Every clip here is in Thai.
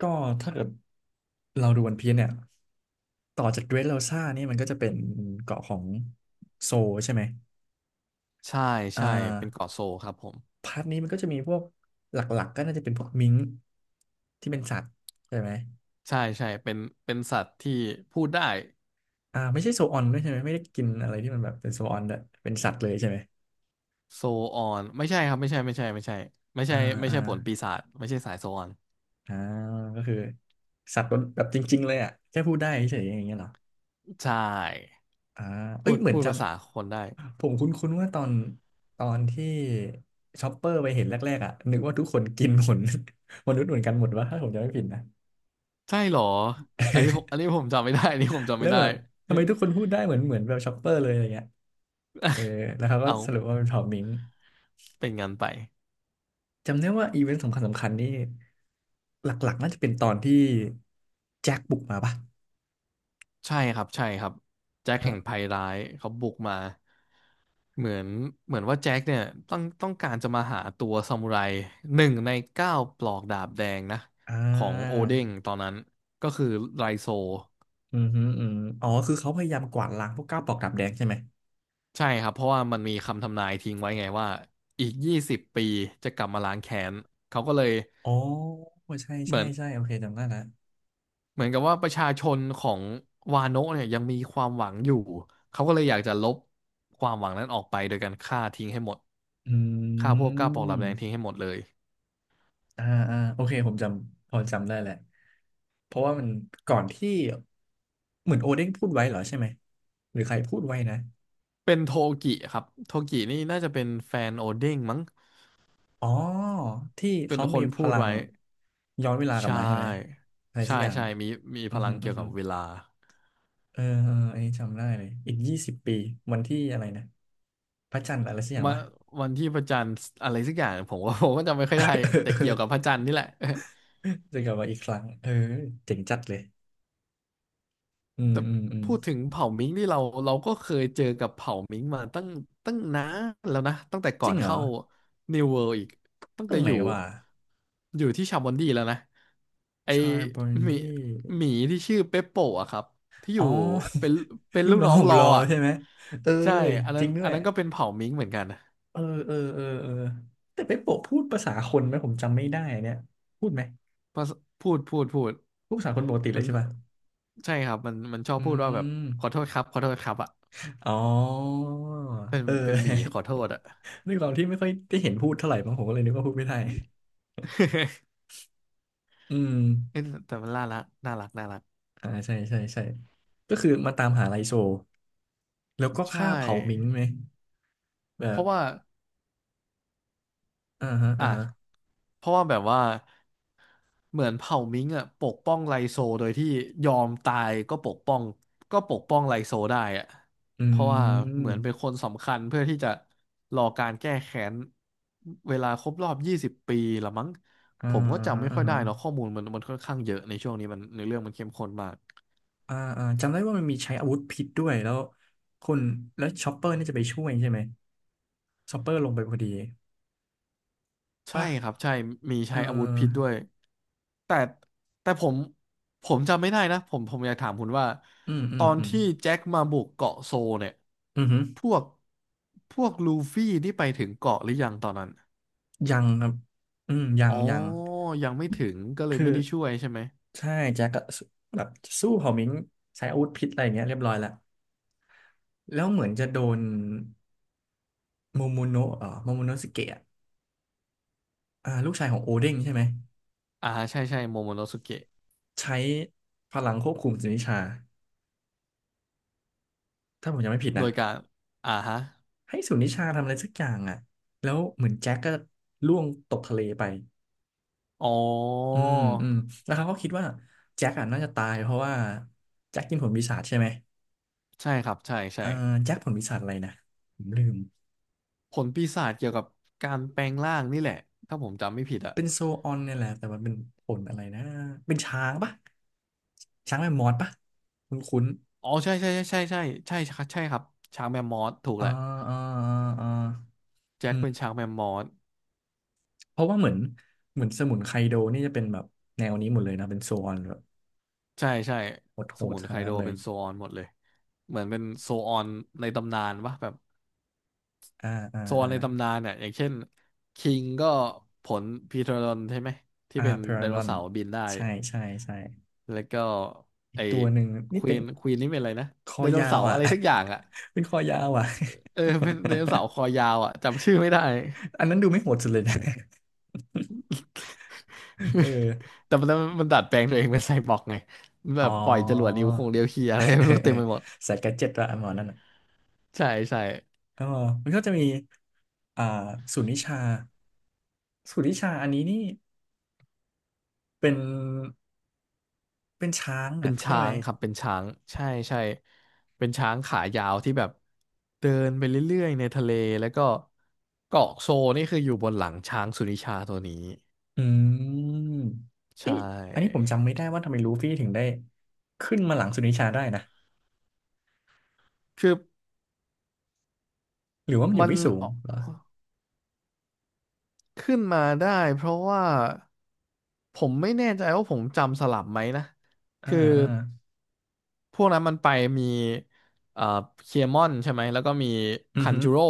ก็ถ้าเกิดเราดูวันพีซเนี่ยต่อจากเดรสโรซ่านี่มันก็จะเป็นเกาะของโซลใช่ไหมใช่อ่าใช่เป็นเกาะโซลครับผมพาร์ทนี้มันก็จะมีพวกหลักๆก็น่าจะเป็นพวกมิงค์ที่เป็นสัตว์ใช่ไหมใช่ใช่เป็นสัตว์ที่พูดได้ไม่ใช่โซออนด้วยใช่ไหมไม่ได้กินอะไรที่มันแบบเป็นโซออนด้วยเป็นสัตว์เลยใช่ไหมโซออนไม่ใช่ครับไม่ใช่ไม่ใช่ไม่ใช่ไม่อ่าใช่ไม่อ่าใช่ผลปีศาจไม่ใช่สายโซออนอ่าก็คือสัตว์แบบจริงๆเลยอ่ะแค่พูดได้เฉยๆอย่างเงี้ยเหรอ ใช่อ่าเอ้พูยดเหมือนพูดภาษาคนได้ผมคุ้นๆว่าตอนที่ช็อปเปอร์ไปเห็นแรกๆอ่ะนึกว่าทุกคนกินผล มนุษย์เหมือนกันหมดวะถ้าผมจำไม่ผิดนะ ใช่เหรออันนี้ผม อันนี้ผมจำไม่ได้อันนี้ผมจำแล้ไม่วได้ แบบทำไมทุกคนพูดได้เหมือนแบบช็อปเปอร์เลยอะไรเงี้ยเออแล้วเขา ก็เอาสรุปว่าเป็นเผ่ามิงเป็นงั้นไปจำได้ว่าอีเวนต์สำคัญนี่หลักๆน่าจะเป็นตอนที่แจ็คบุกมาปะใช่ครับใช่ครับแจ็คแห่งอ่าภัยร้ายเขาบุกมา เหมือนเหมือนว่าแจ็คเนี่ยต้องการจะมาหาตัวซามูไรหนึ่งในเก้าปลอกดาบแดงนะอ่าของโอเด้งตอนนั้นก็คือไรโซอืมฮึอืมอ๋อคือเขาพยายามกวาดล้างพวกก้าวปอกดาบแดงใช่ไหมใช่ครับเพราะว่ามันมีคำทำนายทิ้งไว้ไงว่าอีกยี่สิบปีจะกลับมาล้างแค้นเขาก็เลยอ๋อใช่เหมืใช่อนใช่โอเคจำได้ละ เหมือนกับว่าประชาชนของวาโนะเนี่ยยังมีความหวังอยู่เขาก็เลยอยากจะลบความหวังนั้นออกไปโดยการฆ่าทิ้งให้หมดอืฆ่าพวกเก้าปลอกดาบมแดงทิ้งให้หมดเลย อ่าอ่าโอเค ผมจำ พอจำได้แหละ เพราะว่ามันก่อนที่เหมือนโอเด้งพูดไว้เหรอใช่ไหมหรือใครพูดไว้นะเป็นโทกิครับ โทกินี่น่าจะเป็นแฟนโอเด้งมั้ง อ๋อที่เป็นเขาคมีนพพูดลังไว้ ย้อนเวลากใชลับมาใช่ไหม ่ อะไรสัใช่ กอย่างใช่ มีมีอืพอลัฮึงอืเกี่อยวฮึกับเวลาเออเอออันนี้จำได้เลย อีก20 ปีวันที่อะไรนะ พระจันทร์อะไรสักอย่างมาปะ วันที่พระจันทร์อะไรสักอย่างผมว่า ผมก็จำไม่ค่อยได้ เออแต่เออ เกี่ยวกับพระจันทร์นี่แหละ จะกลับมาอีกครั้งเออเจ๋งจัดเลยอืมแต่อืมอืมพูดถึงเผ่ามิงนี่เราก็เคยเจอกับเผ่ามิงมาตั้งตั้งนานแล้วนะตั้งแต่จก่อริงนเหรอ เข้า New World อีกตั้งตรแต่งไหอนยู่วะ อยู่ที่ชาบอนดีแล้วนะไอชาร์บอนหมีดี้หมีที่ชื่อเปปโปะอะครับที่ออ๋อ ยู่เป็นเป็น ลูลูกกน้อน้งอขงองรอรออะใช่ไหม เออใช่อันจนั้รินงด้อัวนย นั้นก็เป็นเผ่ามิงเหมือนกันนะเออเออเออเออแต่ไปโปะพูดภาษาคนไหมผมจำไม่ได้เนี่ยพูดไหม เพราะพูดพูดพูดพูดภาษาคนปกติเลมัยนใช่ป่ะใช่ครับมันชอบอืพูดว่าแบบมขอโทษครับขอโทษครับอะอ๋อ เป็นเออ เป็นหมีขอโทษอะ นึกตอนที่ไม่ค่อยได้เห็นพูดเท่าไหร่มั้งผมก็เลยนึกว่าพูดไม่ได้ อืมเอ้ยแต่มันน่ารักน่ารักน่ารักใช่ใช่ใช่ก็คือมาตามหาไลโซแล้วก็ใช่ฆ่าเผามิงไหมแบเพบราะว่าอ่าฮะอ่าอ่ะฮะเพราะว่าแบบว่าเหมือนเผ่ามิงอ่ะปกป้องไลโซโดยที่ยอมตายก็ปกป้องก็ปกป้องไลโซได้อ่ะอืเพราะว่าเหมือนเป็นมคนสำคัญเพื่อที่จะรอการแก้แค้นเวลาครบรอบยี่สิบปีละมั้งอ่าผมก็จำฮะไม่อ่าค่อยฮะ ได้เนาะข้อมูลมันมันค่อนข้างเยอะในช่วงนี้มันในเรื่องมันเข้มข้นมากจำได้ว่ามันมีใช้อาวุธพิษด้วยแล้วคุณแล้วชอปเปอร์นี่จะไปช่วยใช่ไหมชอปเปอร์ลงไปพอดีใช่ป่ะครับใช่มีเอใช้อาวุธพิษด้อวย แต่แต่ผมจำไม่ได้นะผมผมอยากถามคุณว่าอืมอืตมอนอืมที่แจ็คมาบุกเกาะโซเนี่ยอืมอหือพวกพวกลูฟี่นี่ไปถึงเกาะหรือยังตอนนั้นยังครับอืมยัอ๋งอยังยังไม่ถึงก็เลยคือไม่ได้ช่วยใช่ไหมใช่แจ็คก็สู้แบบสู้เผ่ามิงใช้อาวุธพิษอะไรอย่างเงี้ยเรียบร้อยแล้วแล้วเหมือนจะโดนโมโมโนะโมโมโนะสเกะลูกชายของโอเด้งใช่ไหมอ่าใช่ใช่โมโมโนสุเกะใช้พลังควบคุมสุนิชาถ้าผมจำไม่ผิดโดนะ ยการอ่าฮะให้สุนิชาทำอะไรสักอย่างอ่ะแล้วเหมือนแจ็คก็ล่วงตกทะเลไปอ๋ออืมอืมแล้วเขาก็คิดว่าแจ็คอ่ะน่าจะตายเพราะว่าแจ็คกินผลปีศาจใช่ไหมใช่ครับใช่เอใช่อแจ็คผลปีศาจอะไรนะผมลืมผลปีศาจเกี่ยวกับการแปลงร่างนี่แหละถ้าผมจำไม่ผิดอะเป็นโซออนเนี่ยแหละแต่มันเป็นผลอะไรนะเป็นช้างปะช้างแมมมอสปะคุ้นคุ้นอ๋อใช่ใช่ใช่ใช่ใช่ใช่ใช่ใช่ครับช้างแมมมอสถูกแหอ่าละอ่าอ่าแจ็อืคเป็นมช้างแมมมอส เพราะว่าเหมือนสมุนไคโดนี่จะเป็นแบบแนวนี้หมดเลยนะเป็นโซออนแบบใช่ใช่โหสดมุนๆทาไคงนั้โดนเลเป็ยนโซออนหมดเลยเหมือนเป็นโซออนในตำนานปะแบบอ่าอ่าโซอออ่า นในตำนานเนี่ยอย่างเช่นคิงก็ผลพีทรอนใช่ไหมที่เป็นเพไดรันโนดอนเสาร์บินได้ใช่ใช่ใช่แล้วก็อีไอกตัวหนึ่งคนี่วีเป็นนควีนนี่เป็นอะไรนะคอไดโนยาวเสาร์อ่ะ อะไรสักอย่างอ่ะ เป็นคอยาวอ่ะ เออเป็นไดโนเสาร์คอยาวอ่ะจำชื่อไม่ได้ อันนั้นดูไม่โหดสุดเลยนะ เออ แต่มันมันดัดแปลงตัวเองเป็นไซบอร์กไงแบอ๋อ บปล่อยจรวดนิ้วคงเดียวเคียอะไร เอไม่อรู้เอเต็อมไปหมดใสายแกดเจ็ตละอันหมอนั่นอ่ะใช่ใช่ เออมันก็จะมีอ่าศูนย์วิชาศูนย์วิชาอันนี้นี่เป็นช้างเป็อ่ะนใช่ช้าไหมงครับเป็นช้างใช่ใช่เป็นช้างขายาวที่แบบเดินไปเรื่อยๆในทะเลแล้วก็เกาะโซนี่คืออยู่บนหลังช้างสุนิชาตัวนี้อืมใชเอยอันนี้ผ่มจำไม่ได้ว่าทำไมลูฟี่ถึงได้ขึ้นมาหลังสุนิชาได้นะ คือหรือว่ามันอยู่มันไม่สูองอกเหรอ ขึ้นมาได้เพราะว่าผมไม่แน่ใจว่าผมจำสลับไหมนะอ่าคืออ่า พวกนั้นมันไปมีเอ่อเคมอนใช่ไหมแล้วก็มีอือคันฮึจูโร่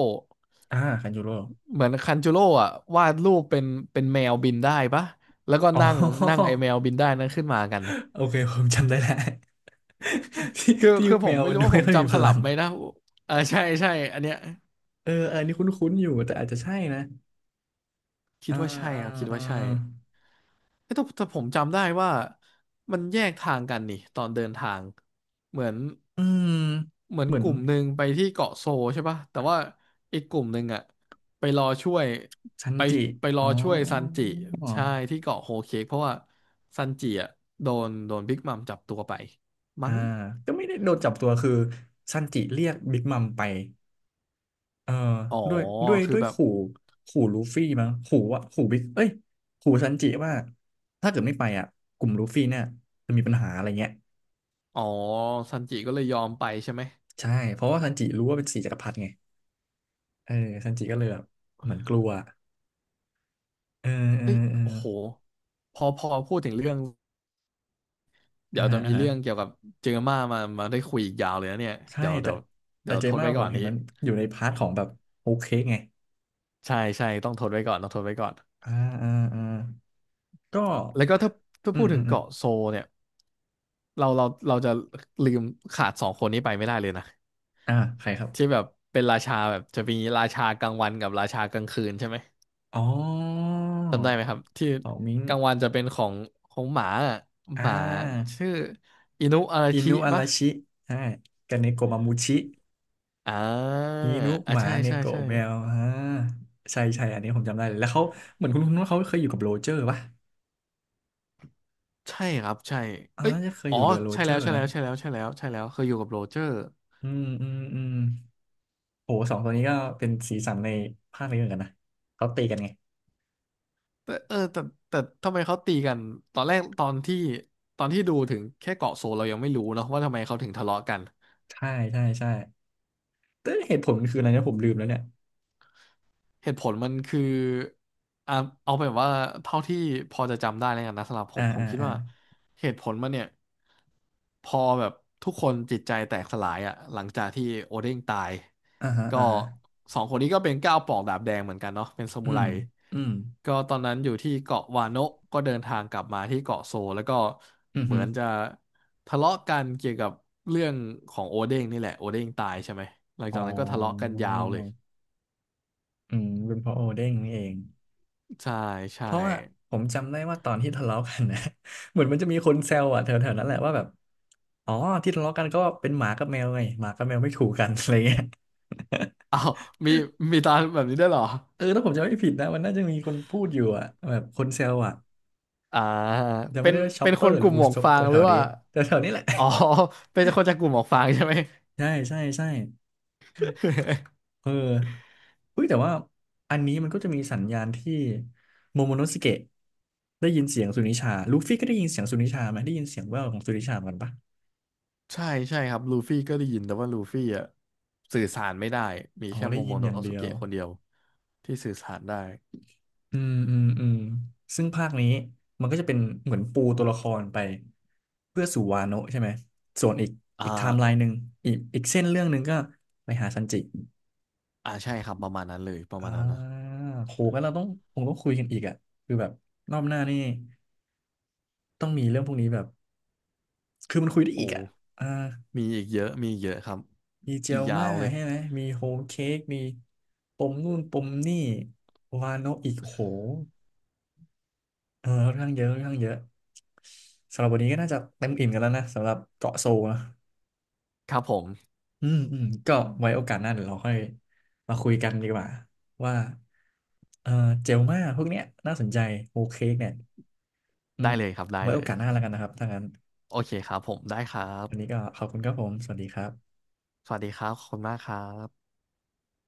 อ่าคันยูโรเหมือนคันจูโร่อะวาดรูปเป็นเป็นแมวบินได้ปะแล้วก็อ๋อ นั่งนั่งไอ แมวบินได้นั้นขึ้นมากันนะโอเคผมจำได้แล้ว ที่คือที่คือผแมมวไม่รู้ดูว่าผไม่มค่อยมีพจำสลัลับง ไหมนะอ่าใช่ใช่อันเนี้ยเอออันนี้คุ้นๆอยู่แต่อาจจะใช่นะ คิดอ่าว่าใช่อ่าครับคิดอ่า ว่าใช่ เอ้ยแต่แต่ผมจำได้ว่ามันแยกทางกันนี่ตอนเดินทางเหมือนอืม เหมือนเหมือกนลุ่มหนึ่งไปที่เกาะโซใช่ปะแต่ว่าอีกกลุ่มหนึ่งอะไปรอช่วยซันไปจิ ไปรอ๋ออช่วยซันจิใช่ที่เกาะโฮเค้กเพราะว่าซันจิอะโดนโดนบิ๊กมัมจับตัวไปอ่า มั้งก็ไม่ได้โดนจับตัวคือซันจิเรียกบิ๊กมัมไป เอออ๋อคือด้วยแบบขู่ขู่ลูฟี่มั้งขู่ว่าขู่บิ๊กเอ้ยขู่ซันจิว่าถ้าเกิดไม่ไปอ่ะกลุ่มลูฟี่เนี่ยจะมีปัญหาอะไรเงี้ยอ๋อซันจิก็เลยยอมไปใช่ไหมใช่เพราะว่าซันจิรู้ว่าเป็นสี่จักรพรรดิไงเออซันจิก็เลยแบบเหมือนกลัวเออเออเอ้ยเออโอ้โหพอพูดถึงเรื่อง อ่าเดี๋ยวฮะจะอ่ามีฮะเรื่องเกี่ยวกับเจอมามาได้คุยอีกยาวเลยนะเนี่ยใช่เดี๋ยวแต่เดี๋ยวแต่เดี๋ยวเจทดม่าไว้ผก่อมนเห็นนี้มันอยู่ในพาร์ทของแบบโอเคไงใช่ใช่ต้องทดไว้ก่อนต้องทดไว้ก่อนอ่าอ่าอ่าก็แล้วก็ถ้าถ้าอืพูมดอืถึมงอืมเกาะโซเนี่ยเราจะลืมขาดสองคนนี้ไปไม่ได้เลยนะอ่าใครครัที่บแบบเป็นราชาแบบจะมีราชากลางวันกับราชากลางคืนใช่ไหมอ๋อจำได้ไหมครับที่เป่ามิงกลางวันจะเป็นของของหมาอะอ่หมาา ชื่ออินุอาราอิชินุอาปะราชิอ่ากับเนโกะมามูชิอ่าอินุอ่าหมาใช่เนใช่โกะใช่ แมวอ่าใช่ใช่อันนี้ผมจำได้เลย แล้วเขาเหมือนคุณว่าเขาเคยอยู่กับโรเจอร์ป่ะใช่ครับใช่เอ้ยน่าจะเคยอ๋ออยู่เรือโรใช่เจอแล้วร์ใช่นะ แล้วใช่แล้วใช่แล้วใช่แล้วเคยอยู่กับโรเจอร์ อืมอืมอืมโหสองตัวนี้ก็เป็นสีสันในภาคนี้เหมือนกันนะเขาตีกันไง แต่เออแต่แต่ทำไมเขาตีกัน ตอนแรกตอนที่ตอนที่ดูถึงแค่เกาะโซลเรายังไม่รู้เนอะว่าทำไมเขาถึงทะเลาะกัน ใช่ใช่ใช่แต่เหตุผลมันคืออะไรนะผมลืมแล้วเนี่ย เหตุผลมันคืออ่ะเอาเป็นว่าเท่าที่พอจะจำได้แล้วกันนะสำหรับผอ่ามผมอ่าคิดอ่าว่าเหตุผลมันเนี่ยพอแบบทุกคนจิตใจแตกสลายอ่ะหลังจากที่โอเด้งตายอ่าฮะก็อ่าฮะสองคนนี้ก็เป็นก้าวปอกดาบแดงเหมือนกันเนาะเป็นซาอืมูไรมอืมก็ตอนนั้นอยู่ที่เกาะวาโนะก็เดินทางกลับมาที่เกาะโซลแล้วก็อืมเหอืมือนจะทะเลาะกันเกี่ยวกับเรื่องของโอเด้งนี่แหละโอเด้งตายใช่ไหมหลังอ๋อจากนั้นก็ทะเลาะกันยาวเลยอืมเป็นเพราะโอเด้งนี่เอง ใช่เพใช่ ราะว่าผมจำได้ว่าตอนที่ทะเลาะกันนะ เหมือนมันจะมีคนแซวอ่ะแถวๆนั้นแหละว่าแบบอ๋อที่ทะเลาะกันก็เป็นหมากับแมวไงหมากับแมวไม่ถูกกัน อะไรเงี้ย อ้าวมีมีตาแบบนี้ได้วยเหรอเออถ้าผมจำไม่ผิดนะมันน่าจะมีคนพูดอยู่อ่ะแบบคนแซวอ่ะอ่าจำเป็ไม่นได้ว่าชอเป็ปนเปอคนร์หกรือลุ่มอูหมวกซบฟางหแถรือวๆนี้ว่าแถวๆนี้แหละ อ๋อ เป็นคนจากกลุ่มหมวกฟางใช่ไหม ใช่ใช่ใช่ เออเฮ้ยแต่ว่าอันนี้มันก็จะมีสัญญาณที่โมโมโนสเกะได้ยินเสียงสุนิชาลูฟี่ก็ได้ยินเสียงสุนิชาไหมได้ยินเสียงแว่วของสุนิชาเหมือนกันปะใช่ใช่ครับลูฟี่ก็ได้ยินแต่ว่าลูฟี่อ่ะสื่อสารไม่ได้มีอ๋อแค่ได้โมยิโมนโนอย่างเดีสยว เกะคนเดียวที่สื่อสารได้อืมอืมอืมซึ่งภาคนี้มันก็จะเป็นเหมือนปูตัวละครไปเพื่อสู่วาโนะใช่ไหมส่วนอีกอ่อีกไทม์ไลาน์หนึ่งอีกเส้นเรื่องหนึ่งก็ไปหาซันจิอ่าใช่ครับประมาณนั้นเลยประอ่มาณนั้นนะาโหงั้นเราต้องคงต้องคุยกันอีกอ่ะคือแบบรอบหน้านี่ต้องมีเรื่องพวกนี้แบบคือมันคุยได้โอ้อีกอ่ะอ่ามีอีกเยอะมีอีกเยอะครับมีเจอีกลยามาวเลยใช่ไหมมีโฮมเค้กมีปมนู่นปมนี่วาโนะอีกโห เออค่อนข้างเยอะค่อนข้างเยอะสำหรับวันนี้ก็น่าจะเต็มอิ่มกันแล้วนะสำหรับเกาะโซลนะครับผมอืมอืมก็ไว้โอกาสหน้าเดี๋ยวเราค่อยมาคุยกันดีกว่าว่าเออเจลมาพวกเนี้ยน่าสนใจโอเคเนี่ยอืมได้เลยครับได้ไว้เลโอยกาสหน้าแล้วกันนะครับถ้างั้นโอเคครับผมได้ครัวันนี้บก็ขอบคุณครับผมสวัสดีครับสวัสดีครับขอบคุณมากครับ